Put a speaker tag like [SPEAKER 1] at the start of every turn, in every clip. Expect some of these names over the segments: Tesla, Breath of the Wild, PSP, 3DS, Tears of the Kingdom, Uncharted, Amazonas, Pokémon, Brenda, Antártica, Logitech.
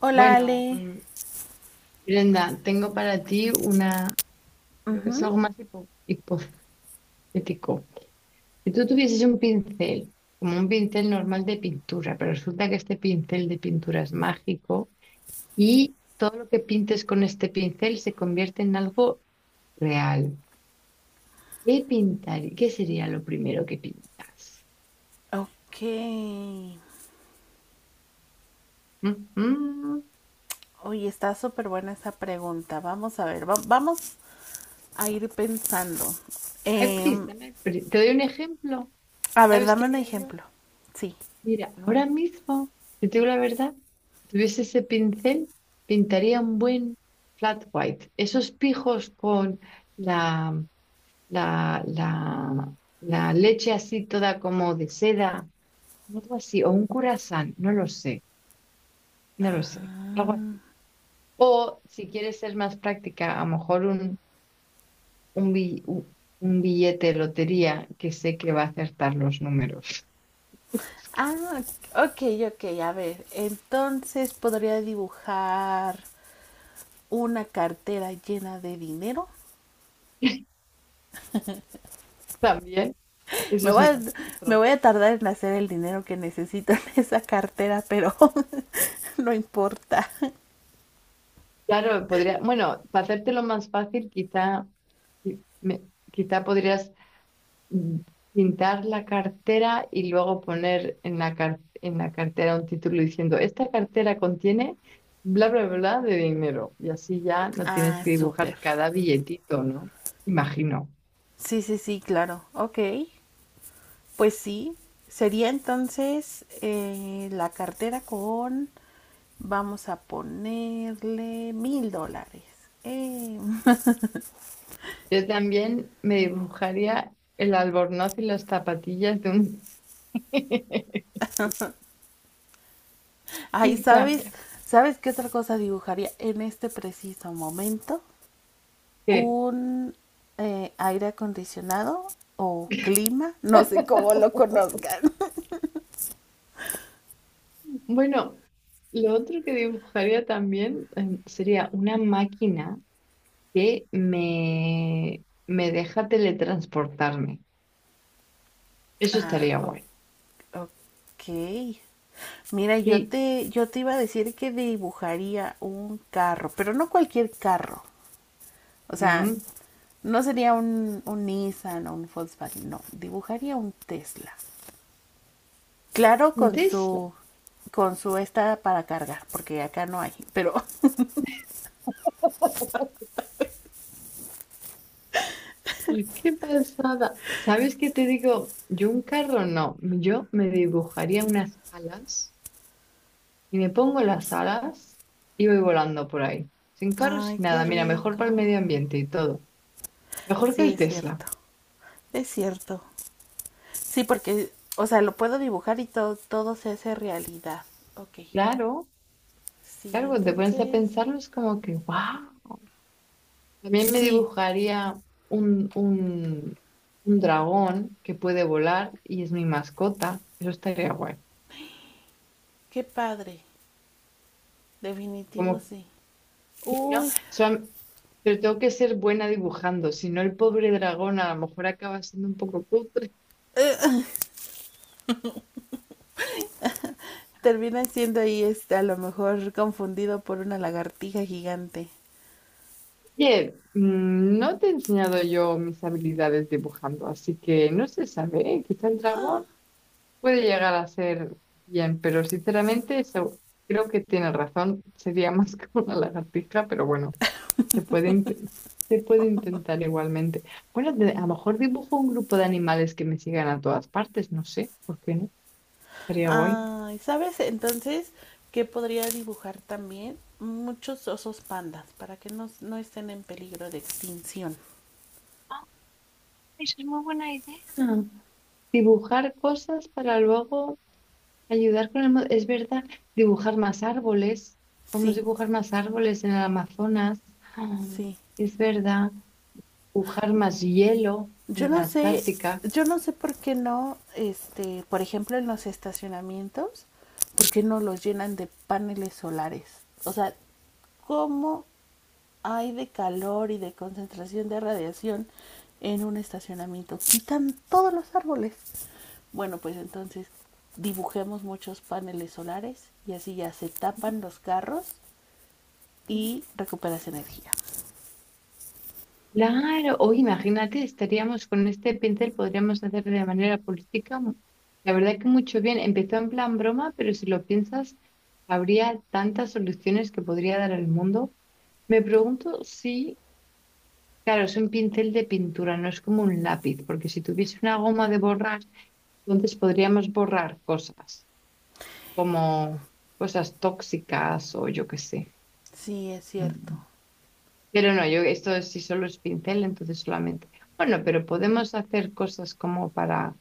[SPEAKER 1] Hola,
[SPEAKER 2] Bueno,
[SPEAKER 1] Ale.
[SPEAKER 2] Brenda, tengo para ti una, creo que es algo más hipotético. Si tú tuvieses un pincel, como un pincel normal de pintura, pero resulta que este pincel de pintura es mágico y todo lo que pintes con este pincel se convierte en algo real. ¿Qué pintar? ¿Qué sería lo primero que pintas?
[SPEAKER 1] Ok.
[SPEAKER 2] Mm, mm,
[SPEAKER 1] Oye, está súper buena esa pregunta. Vamos a ver, vamos a ir pensando.
[SPEAKER 2] No hay
[SPEAKER 1] Eh,
[SPEAKER 2] prisa, no hay Te doy un ejemplo.
[SPEAKER 1] a ver,
[SPEAKER 2] ¿Sabes qué
[SPEAKER 1] dame un
[SPEAKER 2] haría yo?
[SPEAKER 1] ejemplo. Sí.
[SPEAKER 2] Mira, ahora mismo, si te digo la verdad, si tuviese ese pincel, pintaría un buen flat white. Esos pijos con la, la leche así toda como de seda, algo así, o un curasán, no lo sé, algo así. O si quieres ser más práctica, a lo mejor un, bi- un billete de lotería que sé que va a acertar los números.
[SPEAKER 1] Ah, ok, ok, a ver. Entonces podría dibujar una cartera llena de dinero.
[SPEAKER 2] También, eso
[SPEAKER 1] Me
[SPEAKER 2] es
[SPEAKER 1] voy, a,
[SPEAKER 2] una
[SPEAKER 1] me
[SPEAKER 2] otra.
[SPEAKER 1] voy a tardar en hacer el dinero que necesito en esa cartera, pero no importa.
[SPEAKER 2] Claro, podría, bueno, para hacértelo más fácil, quizá, qui- me- quizá podrías mm, pintar la cartera y luego poner en en la cartera un título diciendo, esta cartera contiene bla, bla, bla de dinero. Y así ya no tienes
[SPEAKER 1] Ah,
[SPEAKER 2] que
[SPEAKER 1] súper.
[SPEAKER 2] dibujar cada billetito, ¿no? Imagino.
[SPEAKER 1] Sí, sí, sí, claro. Ok. Pues sí, sería entonces la cartera con vamos a ponerle 1.000 dólares. Eh,
[SPEAKER 2] Yo también me dibujaría el albornoz y las zapatillas de un...
[SPEAKER 1] Ay,
[SPEAKER 2] Quizá
[SPEAKER 1] ¿sabes? ¿Sabes qué otra cosa dibujaría en este preciso momento?
[SPEAKER 2] que.
[SPEAKER 1] Un aire acondicionado o clima, no sé cómo lo conozcan.
[SPEAKER 2] Bueno, lo otro que dibujaría también sería una máquina que me deja teletransportarme. Eso
[SPEAKER 1] Ah,
[SPEAKER 2] estaría
[SPEAKER 1] o-
[SPEAKER 2] guay.
[SPEAKER 1] ok. Mira,
[SPEAKER 2] Sí,
[SPEAKER 1] yo te iba a decir que dibujaría un carro, pero no cualquier carro. O sea,
[SPEAKER 2] mm,
[SPEAKER 1] no sería un Nissan o un Volkswagen, no. Dibujaría un Tesla. Claro,
[SPEAKER 2] un
[SPEAKER 1] con
[SPEAKER 2] Tesla.
[SPEAKER 1] su esta para cargar, porque acá no hay, pero
[SPEAKER 2] Ay, qué pasada. ¿Sabes qué te digo? Yo un carro no. Yo me dibujaría unas alas y me pongo las alas y voy volando por ahí. Sin carro, sin
[SPEAKER 1] ay, qué
[SPEAKER 2] nada. Mira, mejor para el
[SPEAKER 1] rico.
[SPEAKER 2] medio ambiente y todo. Mejor que
[SPEAKER 1] Sí,
[SPEAKER 2] el
[SPEAKER 1] es
[SPEAKER 2] Tesla.
[SPEAKER 1] cierto. Es cierto. Sí, porque, o sea, lo puedo dibujar y todo, todo se hace realidad. Ok.
[SPEAKER 2] Claro.
[SPEAKER 1] Sí,
[SPEAKER 2] Claro, cuando te pones a
[SPEAKER 1] entonces.
[SPEAKER 2] pensarlo es como que, wow. También me
[SPEAKER 1] Sí,
[SPEAKER 2] dibujaría un, un, un dragón que puede volar y es mi mascota. Eso estaría guay.
[SPEAKER 1] qué padre.
[SPEAKER 2] Como,
[SPEAKER 1] Definitivo sí.
[SPEAKER 2] ¿no?
[SPEAKER 1] Uy,
[SPEAKER 2] Pero tengo que ser buena dibujando, si no el pobre dragón a lo mejor acaba siendo un poco cutre.
[SPEAKER 1] termina siendo ahí este, a lo mejor confundido por una lagartija gigante.
[SPEAKER 2] Oye, no te he enseñado yo mis habilidades dibujando, así que no se sabe, ¿eh? Quizá el dragón. Puede llegar a ser bien, pero sinceramente eso creo que tiene razón. Sería más que una lagartija, pero bueno, se puede, inten- se puede intentar igualmente. Bueno, a lo mejor dibujo un grupo de animales que me sigan a todas partes, no sé, ¿por qué no? Sería guay.
[SPEAKER 1] Ay, ¿sabes entonces qué podría dibujar también? Muchos osos pandas para que no estén en peligro de extinción.
[SPEAKER 2] Eso es muy buena idea. Ah, dibujar cosas para luego ayudar con el... Es verdad, dibujar más árboles. Podemos
[SPEAKER 1] Sí,
[SPEAKER 2] dibujar más árboles en el Amazonas. Ah,
[SPEAKER 1] sí.
[SPEAKER 2] es verdad. Pujar más hielo
[SPEAKER 1] Yo
[SPEAKER 2] en la
[SPEAKER 1] no sé,
[SPEAKER 2] Antártica.
[SPEAKER 1] yo no sé por qué no, este, por ejemplo, en los estacionamientos, por qué no los llenan de paneles solares. O sea, ¿cómo hay de calor y de concentración de radiación en un estacionamiento? Quitan todos los árboles. Bueno, pues entonces dibujemos muchos paneles solares y así ya se tapan los carros y recuperas energía.
[SPEAKER 2] Claro, o imagínate, estaríamos con este pincel, podríamos hacer de manera política, la verdad que mucho bien. Empezó en plan broma, pero si lo piensas, habría tantas soluciones que podría dar al mundo. Me pregunto si, claro, es un pincel de pintura, no es como un lápiz, porque si tuviese una goma de borrar, entonces podríamos borrar cosas, como cosas tóxicas o yo qué sé.
[SPEAKER 1] Sí, es
[SPEAKER 2] mm,
[SPEAKER 1] cierto.
[SPEAKER 2] Pero no, yo esto sí solo es pincel, entonces solamente. Bueno, pero podemos hacer cosas como para...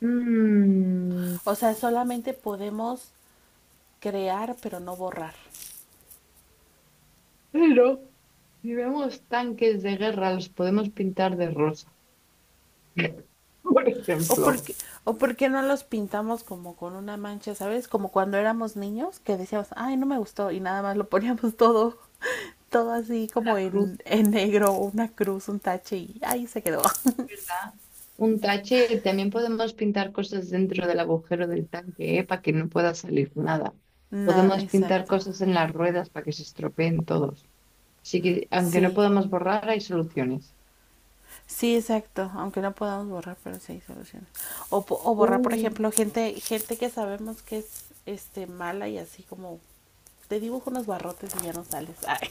[SPEAKER 2] Mm,
[SPEAKER 1] O sea, solamente podemos crear pero no borrar.
[SPEAKER 2] pero si vemos tanques de guerra, los podemos pintar de rosa. Por
[SPEAKER 1] O porque,
[SPEAKER 2] ejemplo,
[SPEAKER 1] o porque no los pintamos como con una mancha, ¿sabes? Como cuando éramos niños que decíamos, ay, no me gustó y nada más lo poníamos todo, todo así
[SPEAKER 2] con
[SPEAKER 1] como
[SPEAKER 2] la cruz,
[SPEAKER 1] en negro, una cruz, un tache y ahí se quedó.
[SPEAKER 2] ¿verdad? Un tache, también podemos pintar cosas dentro del agujero del tanque, ¿eh? Para que no pueda salir nada.
[SPEAKER 1] No,
[SPEAKER 2] Podemos pintar
[SPEAKER 1] exacto.
[SPEAKER 2] cosas en las ruedas para que se estropeen todos. Así que, aunque no
[SPEAKER 1] Sí,
[SPEAKER 2] podamos borrar, hay soluciones.
[SPEAKER 1] sí, exacto. Aunque no podamos borrar, pero sí hay soluciones. O borrar, por
[SPEAKER 2] Uh.
[SPEAKER 1] ejemplo, gente que sabemos que es este mala y así como te dibujo unos barrotes y ya no sales. Ay.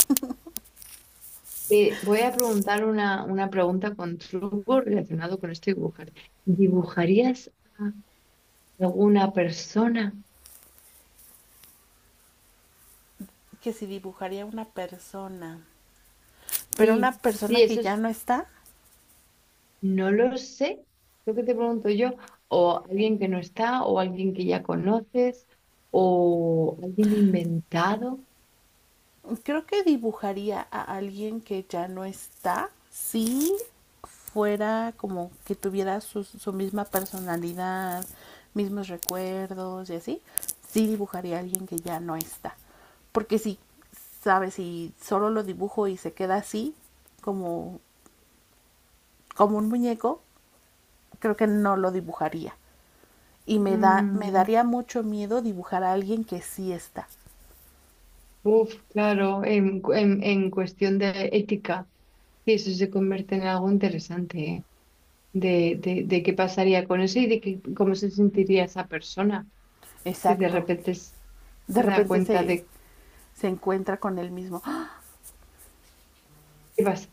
[SPEAKER 2] Te voy a preguntar una pregunta con truco relacionado con este dibujar. ¿Dibujarías a alguna persona?
[SPEAKER 1] Que si dibujaría una persona, pero una
[SPEAKER 2] Sí,
[SPEAKER 1] persona
[SPEAKER 2] sí,
[SPEAKER 1] que
[SPEAKER 2] eso
[SPEAKER 1] ya
[SPEAKER 2] es,
[SPEAKER 1] no está,
[SPEAKER 2] no lo sé, lo que te pregunto yo, o alguien que no está, o alguien que ya conoces, o alguien inventado.
[SPEAKER 1] creo que dibujaría a alguien que ya no está si fuera como que tuviera su misma personalidad, mismos recuerdos y así, sí dibujaría a alguien que ya no está. Porque si, sabes, si solo lo dibujo y se queda así, como, como un muñeco, creo que no lo dibujaría. Y me
[SPEAKER 2] Mm,
[SPEAKER 1] daría mucho miedo dibujar a alguien que sí está.
[SPEAKER 2] uf, claro, en cuestión de ética, sí, eso se convierte en algo interesante, ¿eh? De qué pasaría con eso y de cómo se sentiría esa persona si de
[SPEAKER 1] Exacto.
[SPEAKER 2] repente
[SPEAKER 1] De
[SPEAKER 2] se da
[SPEAKER 1] repente
[SPEAKER 2] cuenta
[SPEAKER 1] se,
[SPEAKER 2] de
[SPEAKER 1] se encuentra con él mismo. ¡Ah!
[SPEAKER 2] qué pasa.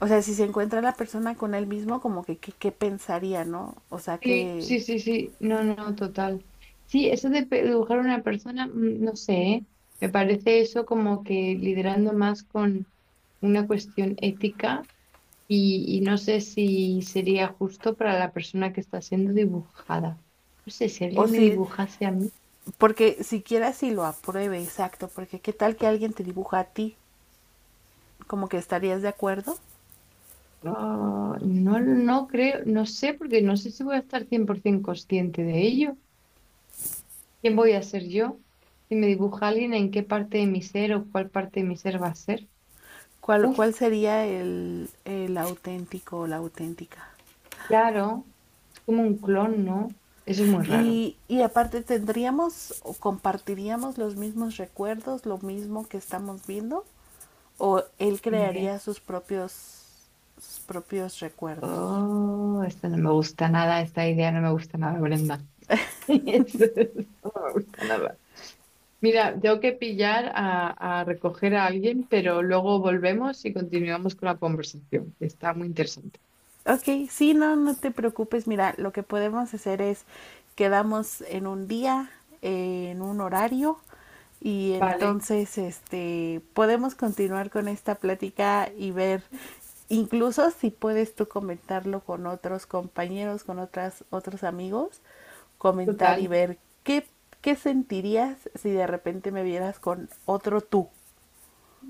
[SPEAKER 1] O sea, si se encuentra la persona con él mismo, como que qué pensaría, ¿no? O sea,
[SPEAKER 2] Sí,
[SPEAKER 1] que...
[SPEAKER 2] sí, sí, sí, no, no, total. Sí, eso de dibujar a una persona, no sé, ¿eh? Me parece eso como que liderando más con una cuestión ética y no sé si sería justo para la persona que está siendo dibujada. No sé, si
[SPEAKER 1] O
[SPEAKER 2] alguien me
[SPEAKER 1] si,
[SPEAKER 2] dibujase a mí.
[SPEAKER 1] porque siquiera si lo apruebe, exacto, porque qué tal que alguien te dibuja a ti, como que estarías de acuerdo.
[SPEAKER 2] No, no, no creo, no sé, porque no sé si voy a estar 100% consciente de ello. ¿Quién voy a ser yo? Si me dibuja alguien, ¿en qué parte de mi ser o cuál parte de mi ser va a ser? Uf,
[SPEAKER 1] ¿Cuál sería el auténtico o la auténtica?
[SPEAKER 2] claro, es como un clon, ¿no? Eso es muy raro,
[SPEAKER 1] Aparte tendríamos o compartiríamos los mismos recuerdos, lo mismo que estamos viendo, o él
[SPEAKER 2] ni idea.
[SPEAKER 1] crearía sus propios recuerdos.
[SPEAKER 2] Oh, esto no me gusta nada, esta idea no me gusta nada, Brenda. Eso no me gusta nada. Mira, tengo que pillar a recoger a alguien, pero luego volvemos y continuamos con la conversación, que está muy interesante.
[SPEAKER 1] Ok, sí, no, no te preocupes. Mira, lo que podemos hacer es quedamos en un día, en un horario, y
[SPEAKER 2] Vale,
[SPEAKER 1] entonces este podemos continuar con esta plática y ver incluso si puedes tú comentarlo con otros compañeros, con otras otros amigos, comentar y
[SPEAKER 2] total.
[SPEAKER 1] ver qué qué sentirías si de repente me vieras con otro tú.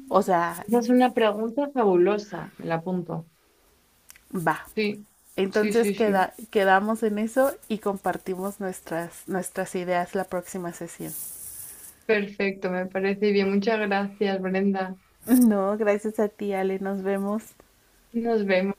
[SPEAKER 1] O sea,
[SPEAKER 2] Esa es una pregunta fabulosa, me la apunto.
[SPEAKER 1] va,
[SPEAKER 2] Sí, sí,
[SPEAKER 1] entonces
[SPEAKER 2] sí, sí.
[SPEAKER 1] quedamos en eso y compartimos nuestras, nuestras ideas la próxima sesión.
[SPEAKER 2] Perfecto, me parece bien. Muchas gracias, Brenda.
[SPEAKER 1] No, gracias a ti, Ale. Nos vemos.
[SPEAKER 2] Nos vemos.